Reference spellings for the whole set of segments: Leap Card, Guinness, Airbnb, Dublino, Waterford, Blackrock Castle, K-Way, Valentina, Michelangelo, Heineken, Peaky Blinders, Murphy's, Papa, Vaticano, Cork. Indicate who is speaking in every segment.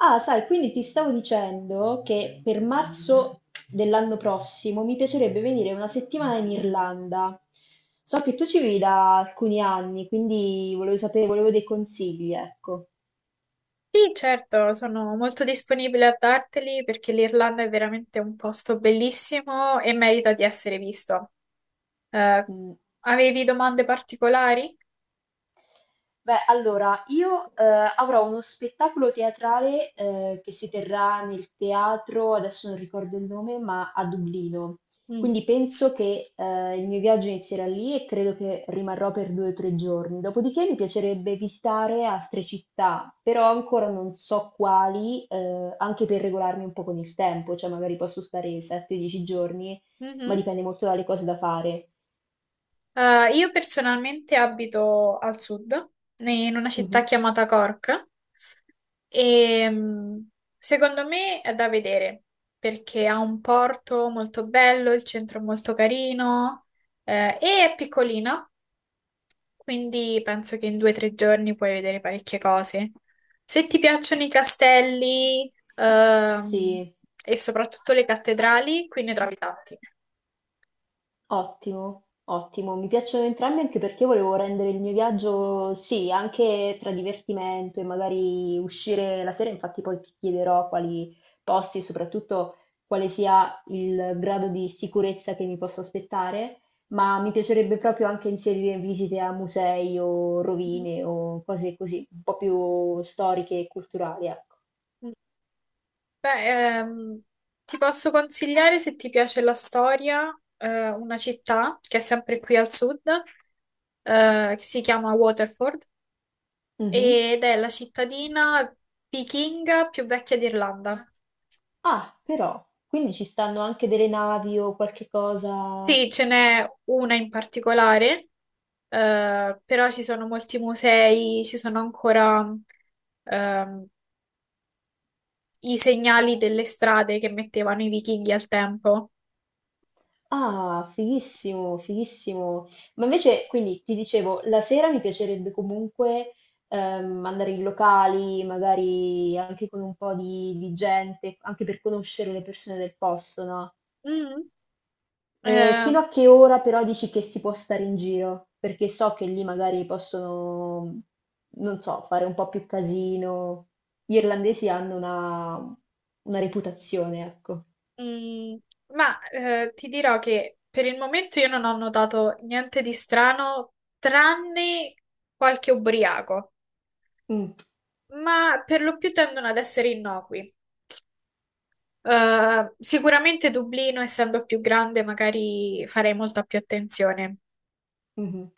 Speaker 1: Ah, sai, quindi ti stavo dicendo che per marzo dell'anno prossimo mi piacerebbe venire una settimana in Irlanda. So che tu ci vivi da alcuni anni, quindi volevo sapere, volevo dei consigli, ecco.
Speaker 2: Sì, certo, sono molto disponibile a darteli perché l'Irlanda è veramente un posto bellissimo e merita di essere visto. Eh,
Speaker 1: Mm.
Speaker 2: avevi domande particolari?
Speaker 1: Beh, allora, io avrò uno spettacolo teatrale che si terrà nel teatro, adesso non ricordo il nome, ma a Dublino.
Speaker 2: Mm.
Speaker 1: Quindi penso che il mio viaggio inizierà lì e credo che rimarrò per 2 o 3 giorni. Dopodiché mi piacerebbe visitare altre città, però ancora non so quali, anche per regolarmi un po' con il tempo, cioè magari posso stare 7-10 giorni, ma
Speaker 2: Mhm.
Speaker 1: dipende molto dalle cose da fare.
Speaker 2: Io personalmente abito al sud, in una città
Speaker 1: Mhm.
Speaker 2: chiamata Cork, e secondo me è da vedere perché ha un porto molto bello, il centro è molto carino, e è piccolina. Quindi penso che in 2 o 3 giorni puoi vedere parecchie cose. Se ti piacciono i castelli,
Speaker 1: Sì.
Speaker 2: e soprattutto le cattedrali, qui ne trovi tanti.
Speaker 1: Ottimo, ottimo. Mi piacciono entrambi anche perché io volevo rendere il mio viaggio, sì, anche tra divertimento e magari uscire la sera. Infatti poi ti chiederò quali posti e soprattutto quale sia il grado di sicurezza che mi posso aspettare, ma mi piacerebbe proprio anche inserire visite a musei o rovine o cose così, un po' più storiche e culturali, ecco.
Speaker 2: Beh, ehm, ti posso consigliare, se ti piace la storia, una città che è sempre qui al sud, che si chiama Waterford
Speaker 1: Mhm.
Speaker 2: ed è la cittadina vichinga più vecchia d'Irlanda.
Speaker 1: Ah, però, quindi ci stanno anche delle navi o qualche cosa.
Speaker 2: Sì, ce n'è una in particolare, però ci sono molti musei, ci sono ancora ehm, i segnali delle strade che mettevano i vichinghi al tempo.
Speaker 1: Ah, fighissimo, fighissimo. Ma invece, quindi ti dicevo, la sera mi piacerebbe comunque andare in locali, magari anche con un po' di gente, anche per conoscere le persone del posto, no?
Speaker 2: Mm,
Speaker 1: E
Speaker 2: eh,
Speaker 1: fino a che ora però dici che si può stare in giro? Perché so che lì magari possono, non so, fare un po' più casino. Gli irlandesi hanno una reputazione, ecco.
Speaker 2: mm, ma ti dirò che per il momento io non ho notato niente di strano, tranne qualche ubriaco,
Speaker 1: Mm,
Speaker 2: ma per lo più tendono ad essere innocui. Sicuramente Dublino, essendo più grande, magari farei molta più attenzione.
Speaker 1: mhm,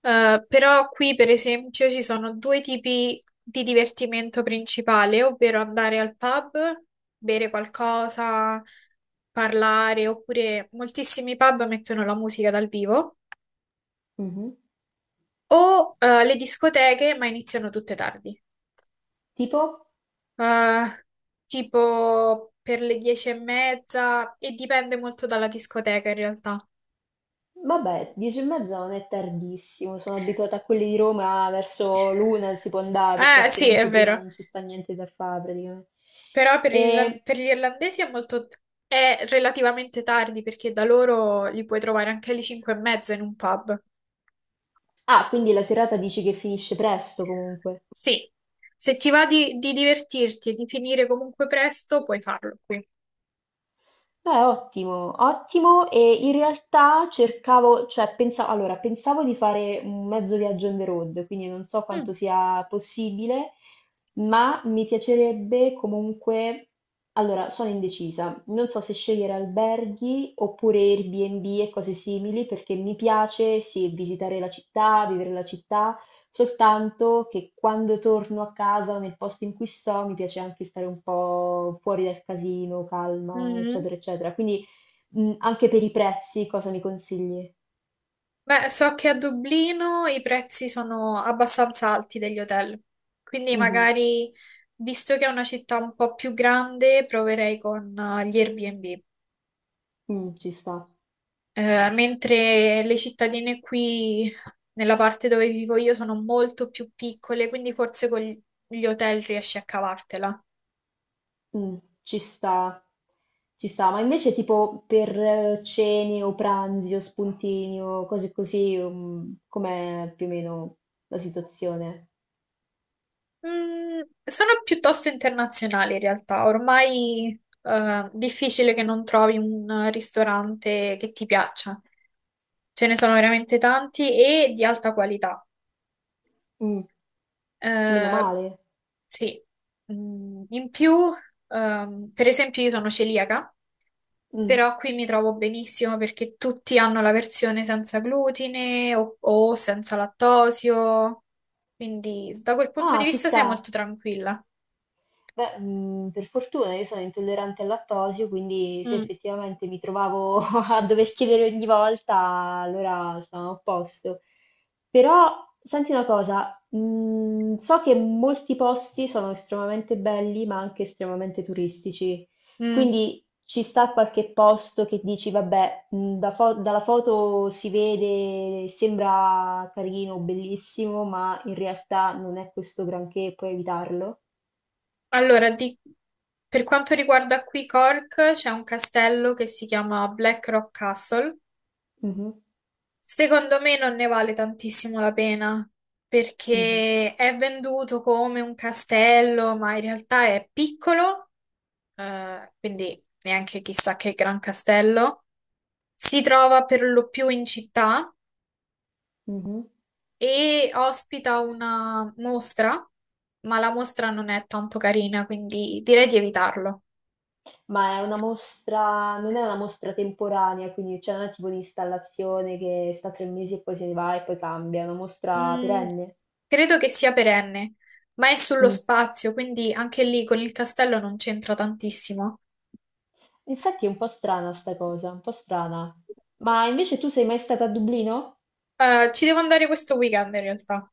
Speaker 2: Però qui, per esempio, ci sono due tipi di divertimento principale, ovvero andare al pub, bere qualcosa, parlare, oppure moltissimi pub mettono la musica dal vivo,
Speaker 1: mhm.
Speaker 2: o le discoteche, ma iniziano tutte tardi.
Speaker 1: Tipo?
Speaker 2: Eh, tipo per le 10:30, e dipende molto dalla discoteca in realtà.
Speaker 1: Vabbè, 10:30 non è tardissimo, sono abituata a quelli di Roma verso l'una si può andare perché
Speaker 2: Sì, è
Speaker 1: altrimenti prima
Speaker 2: vero.
Speaker 1: non ci sta niente da fare praticamente.
Speaker 2: Però
Speaker 1: E-
Speaker 2: per gli irlandesi è molto... è relativamente tardi perché da loro li puoi trovare anche alle 5 e mezza in un pub.
Speaker 1: Ah, quindi la serata dici che finisce presto comunque.
Speaker 2: Sì. Se ti va di divertirti e di finire comunque presto, puoi farlo qui.
Speaker 1: Beh, ottimo, ottimo. E in realtà cercavo, cioè pensavo, allora, pensavo di fare un mezzo viaggio on the road, quindi non so quanto
Speaker 2: Mm.
Speaker 1: sia possibile, ma mi piacerebbe comunque, allora, sono indecisa. Non so se scegliere alberghi oppure Airbnb e cose simili, perché mi piace, sì, visitare la città, vivere la città, soltanto che quando torno a casa o nel posto in cui sto, mi piace anche stare un po' fuori dal casino, calma,
Speaker 2: Mhm.
Speaker 1: eccetera, eccetera. Quindi anche per i prezzi, cosa mi consigli?
Speaker 2: Beh, so che a Dublino i prezzi sono abbastanza alti degli hotel, quindi
Speaker 1: Mhm,
Speaker 2: magari, visto che è una città un po' più grande, proverei con gli Airbnb.
Speaker 1: mm, ci sta,
Speaker 2: Mentre le cittadine qui nella parte dove vivo io sono molto più piccole, quindi forse con gli hotel riesci a cavartela.
Speaker 1: mm, ci sta, ci sta. Ma invece tipo per cene o pranzi o spuntini o cose così, com'è più o meno la situazione?
Speaker 2: Sono piuttosto internazionali in realtà, ormai è difficile che non trovi un ristorante che ti piaccia. Ce ne sono veramente tanti e di alta qualità.
Speaker 1: Mm, meno
Speaker 2: Eh,
Speaker 1: male.
Speaker 2: sì. In più, per esempio, io sono celiaca,
Speaker 1: Mm.
Speaker 2: però qui mi trovo benissimo perché tutti hanno la versione senza glutine o senza lattosio, quindi da quel punto di
Speaker 1: Ah, ci
Speaker 2: vista sei
Speaker 1: sta.
Speaker 2: molto tranquilla.
Speaker 1: Beh, per fortuna io sono intollerante al lattosio, quindi se
Speaker 2: Mm.
Speaker 1: effettivamente mi trovavo a dover chiedere ogni volta, allora stavamo a posto. Però senti una cosa, so che molti posti sono estremamente belli, ma anche estremamente turistici.
Speaker 2: Mm.
Speaker 1: Quindi ci sta qualche posto che dici, vabbè, dalla foto si vede, sembra carino, bellissimo, ma in realtà non è questo granché, puoi evitarlo?
Speaker 2: Allora, per quanto riguarda qui Cork, c'è un castello che si chiama Blackrock Castle.
Speaker 1: Mh-mh.
Speaker 2: Secondo me non ne vale tantissimo la pena
Speaker 1: Mh-mh,
Speaker 2: perché è venduto come un castello, ma in realtà è piccolo, quindi neanche chissà che gran castello. Si trova per lo più in città
Speaker 1: mh-mh.
Speaker 2: e ospita una mostra, ma la mostra non è tanto carina, quindi direi di evitarlo.
Speaker 1: Ma è una mostra non è una mostra temporanea, quindi cioè non è tipo un'installazione che sta 3 mesi e poi se ne va e poi cambia, è una mostra
Speaker 2: Mm,
Speaker 1: perenne?
Speaker 2: credo che sia perenne, ma è sullo
Speaker 1: Mh.
Speaker 2: spazio, quindi anche lì con il castello non c'entra tantissimo.
Speaker 1: Infatti è un po' strana 'sta cosa, un po' strana. Ma invece tu sei mai stata a Dublino?
Speaker 2: Ci devo andare questo weekend in realtà.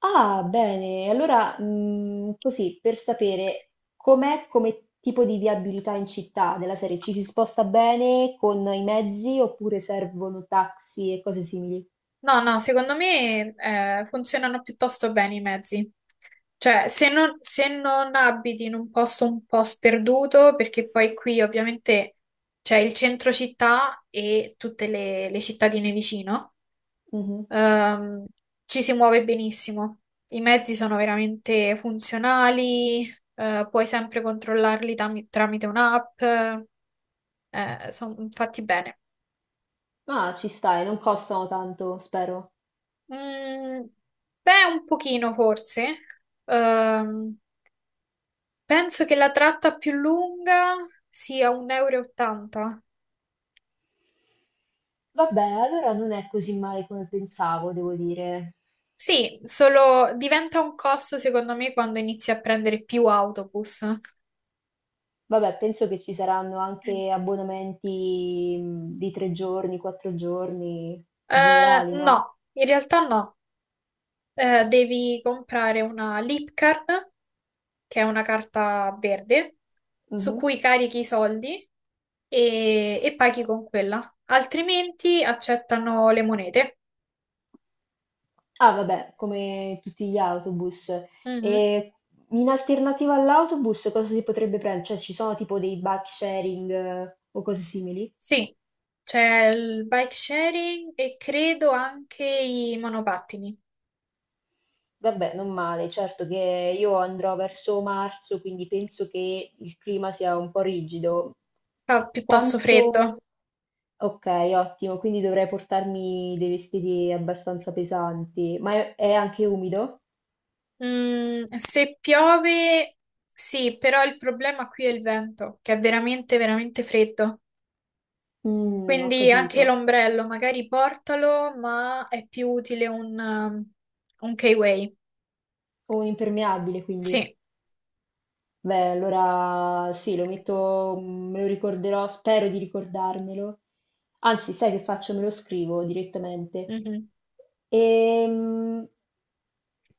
Speaker 1: Ah, bene. Allora, così, per sapere com'è come tipo di viabilità in città, della serie ci si sposta bene con i mezzi oppure servono taxi e cose simili?
Speaker 2: No, no, secondo me funzionano piuttosto bene i mezzi. Cioè, se non abiti in un posto un po' sperduto, perché poi qui ovviamente c'è il centro città e tutte le cittadine vicino,
Speaker 1: Mh-mh.
Speaker 2: ehm, ci si muove benissimo. I mezzi sono veramente funzionali, puoi sempre controllarli tramite un'app, sono fatti bene.
Speaker 1: Ah, ci stai, non costano tanto, spero.
Speaker 2: Mm, beh, un pochino forse. Ehm, penso che la tratta più lunga sia 1,80 euro e ottanta.
Speaker 1: Vabbè, allora non è così male come pensavo, devo dire.
Speaker 2: Sì, solo diventa un costo secondo me quando inizi a prendere più autobus.
Speaker 1: Vabbè, penso che ci saranno
Speaker 2: Mm.
Speaker 1: anche abbonamenti di 3 giorni, 4 giorni generali, no?
Speaker 2: No, in realtà no. Devi comprare una Leap Card, che è una carta verde, su
Speaker 1: Mhm.
Speaker 2: cui carichi i soldi e paghi con quella. Altrimenti accettano le monete.
Speaker 1: Ah, vabbè, come tutti gli autobus.
Speaker 2: Mhm.
Speaker 1: E in alternativa all'autobus cosa si potrebbe prendere? Cioè, ci sono tipo dei bike sharing o cose simili?
Speaker 2: Sì, c'è il bike sharing e credo anche i monopattini.
Speaker 1: Vabbè, non male, certo che io andrò verso marzo, quindi penso che il clima sia un po' rigido.
Speaker 2: Fa piuttosto
Speaker 1: Quanto...
Speaker 2: freddo.
Speaker 1: Ok, ottimo, quindi dovrei portarmi dei vestiti abbastanza pesanti, ma è anche umido?
Speaker 2: Se piove, sì, però il problema qui è il vento, che è veramente, veramente freddo.
Speaker 1: Mm, ho
Speaker 2: Quindi anche
Speaker 1: capito.
Speaker 2: l'ombrello, magari portalo, ma è più utile un K-Way.
Speaker 1: Ho un impermeabile, quindi.
Speaker 2: Sì.
Speaker 1: Beh, allora sì, lo metto, me lo ricorderò, spero di ricordarmelo. Anzi, sai che faccio? Me lo scrivo direttamente.
Speaker 2: Mhm.
Speaker 1: Ehm,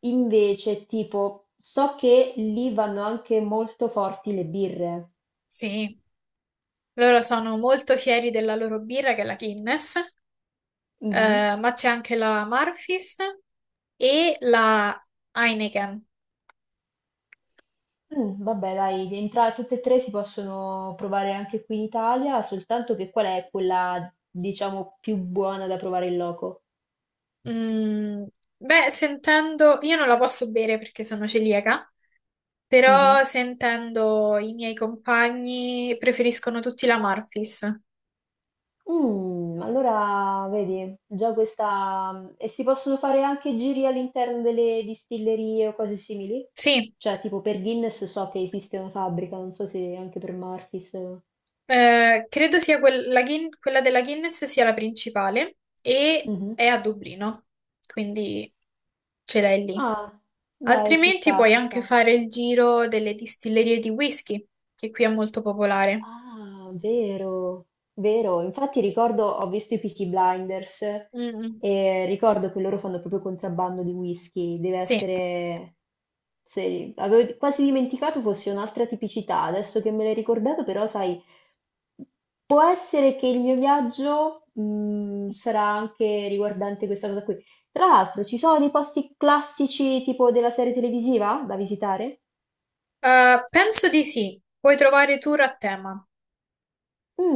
Speaker 1: Invece, tipo, so che lì vanno anche molto forti le birre.
Speaker 2: Sì. Loro sono molto fieri della loro birra, che è la Guinness.
Speaker 1: Mhm.
Speaker 2: Ma c'è anche la Murphy's e la Heineken.
Speaker 1: Mm, vabbè, dai, tutte e tre si possono provare anche qui in Italia, soltanto che qual è quella, diciamo, più buona da provare in loco?
Speaker 2: Mm, beh, sentendo, io non la posso bere perché sono celiaca, però
Speaker 1: Mhm.
Speaker 2: sentendo i miei compagni preferiscono tutti la Murphy's.
Speaker 1: Mm, allora, vedi, già questa... E si possono fare anche giri all'interno delle distillerie o cose simili?
Speaker 2: Sì.
Speaker 1: Cioè, tipo per Guinness so che esiste una fabbrica, non so se anche per Murphy's.
Speaker 2: Credo sia quella della Guinness sia la principale e
Speaker 1: Mhm.
Speaker 2: è a Dublino, quindi ce l'hai lì.
Speaker 1: Ah, dai, ci
Speaker 2: Altrimenti
Speaker 1: sta,
Speaker 2: puoi
Speaker 1: ci
Speaker 2: anche
Speaker 1: sta.
Speaker 2: fare il giro delle distillerie di whisky, che qui è molto popolare.
Speaker 1: Ah, vero, vero. Infatti ricordo, ho visto i Peaky Blinders
Speaker 2: Mm.
Speaker 1: e ricordo che loro fanno proprio contrabbando di whisky. Deve
Speaker 2: Sì.
Speaker 1: essere... Avevo quasi dimenticato fosse un'altra tipicità. Adesso che me l'hai ricordato, però, sai, può essere che il mio viaggio, sarà anche riguardante questa cosa qui. Tra l'altro, ci sono dei posti classici tipo della serie televisiva da visitare?
Speaker 2: Penso di sì. Puoi trovare tour a tema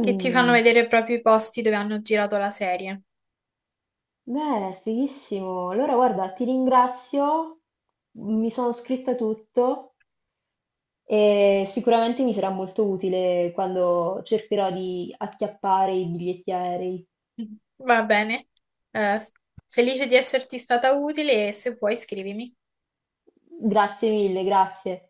Speaker 2: che ti fanno vedere proprio i posti dove hanno girato la serie.
Speaker 1: Beh, fighissimo. Allora, guarda, ti ringrazio, mi sono scritta tutto e sicuramente mi sarà molto utile quando cercherò di acchiappare i biglietti aerei.
Speaker 2: Va bene. Eh, felice di esserti stata utile e se vuoi scrivimi.
Speaker 1: Grazie mille, grazie.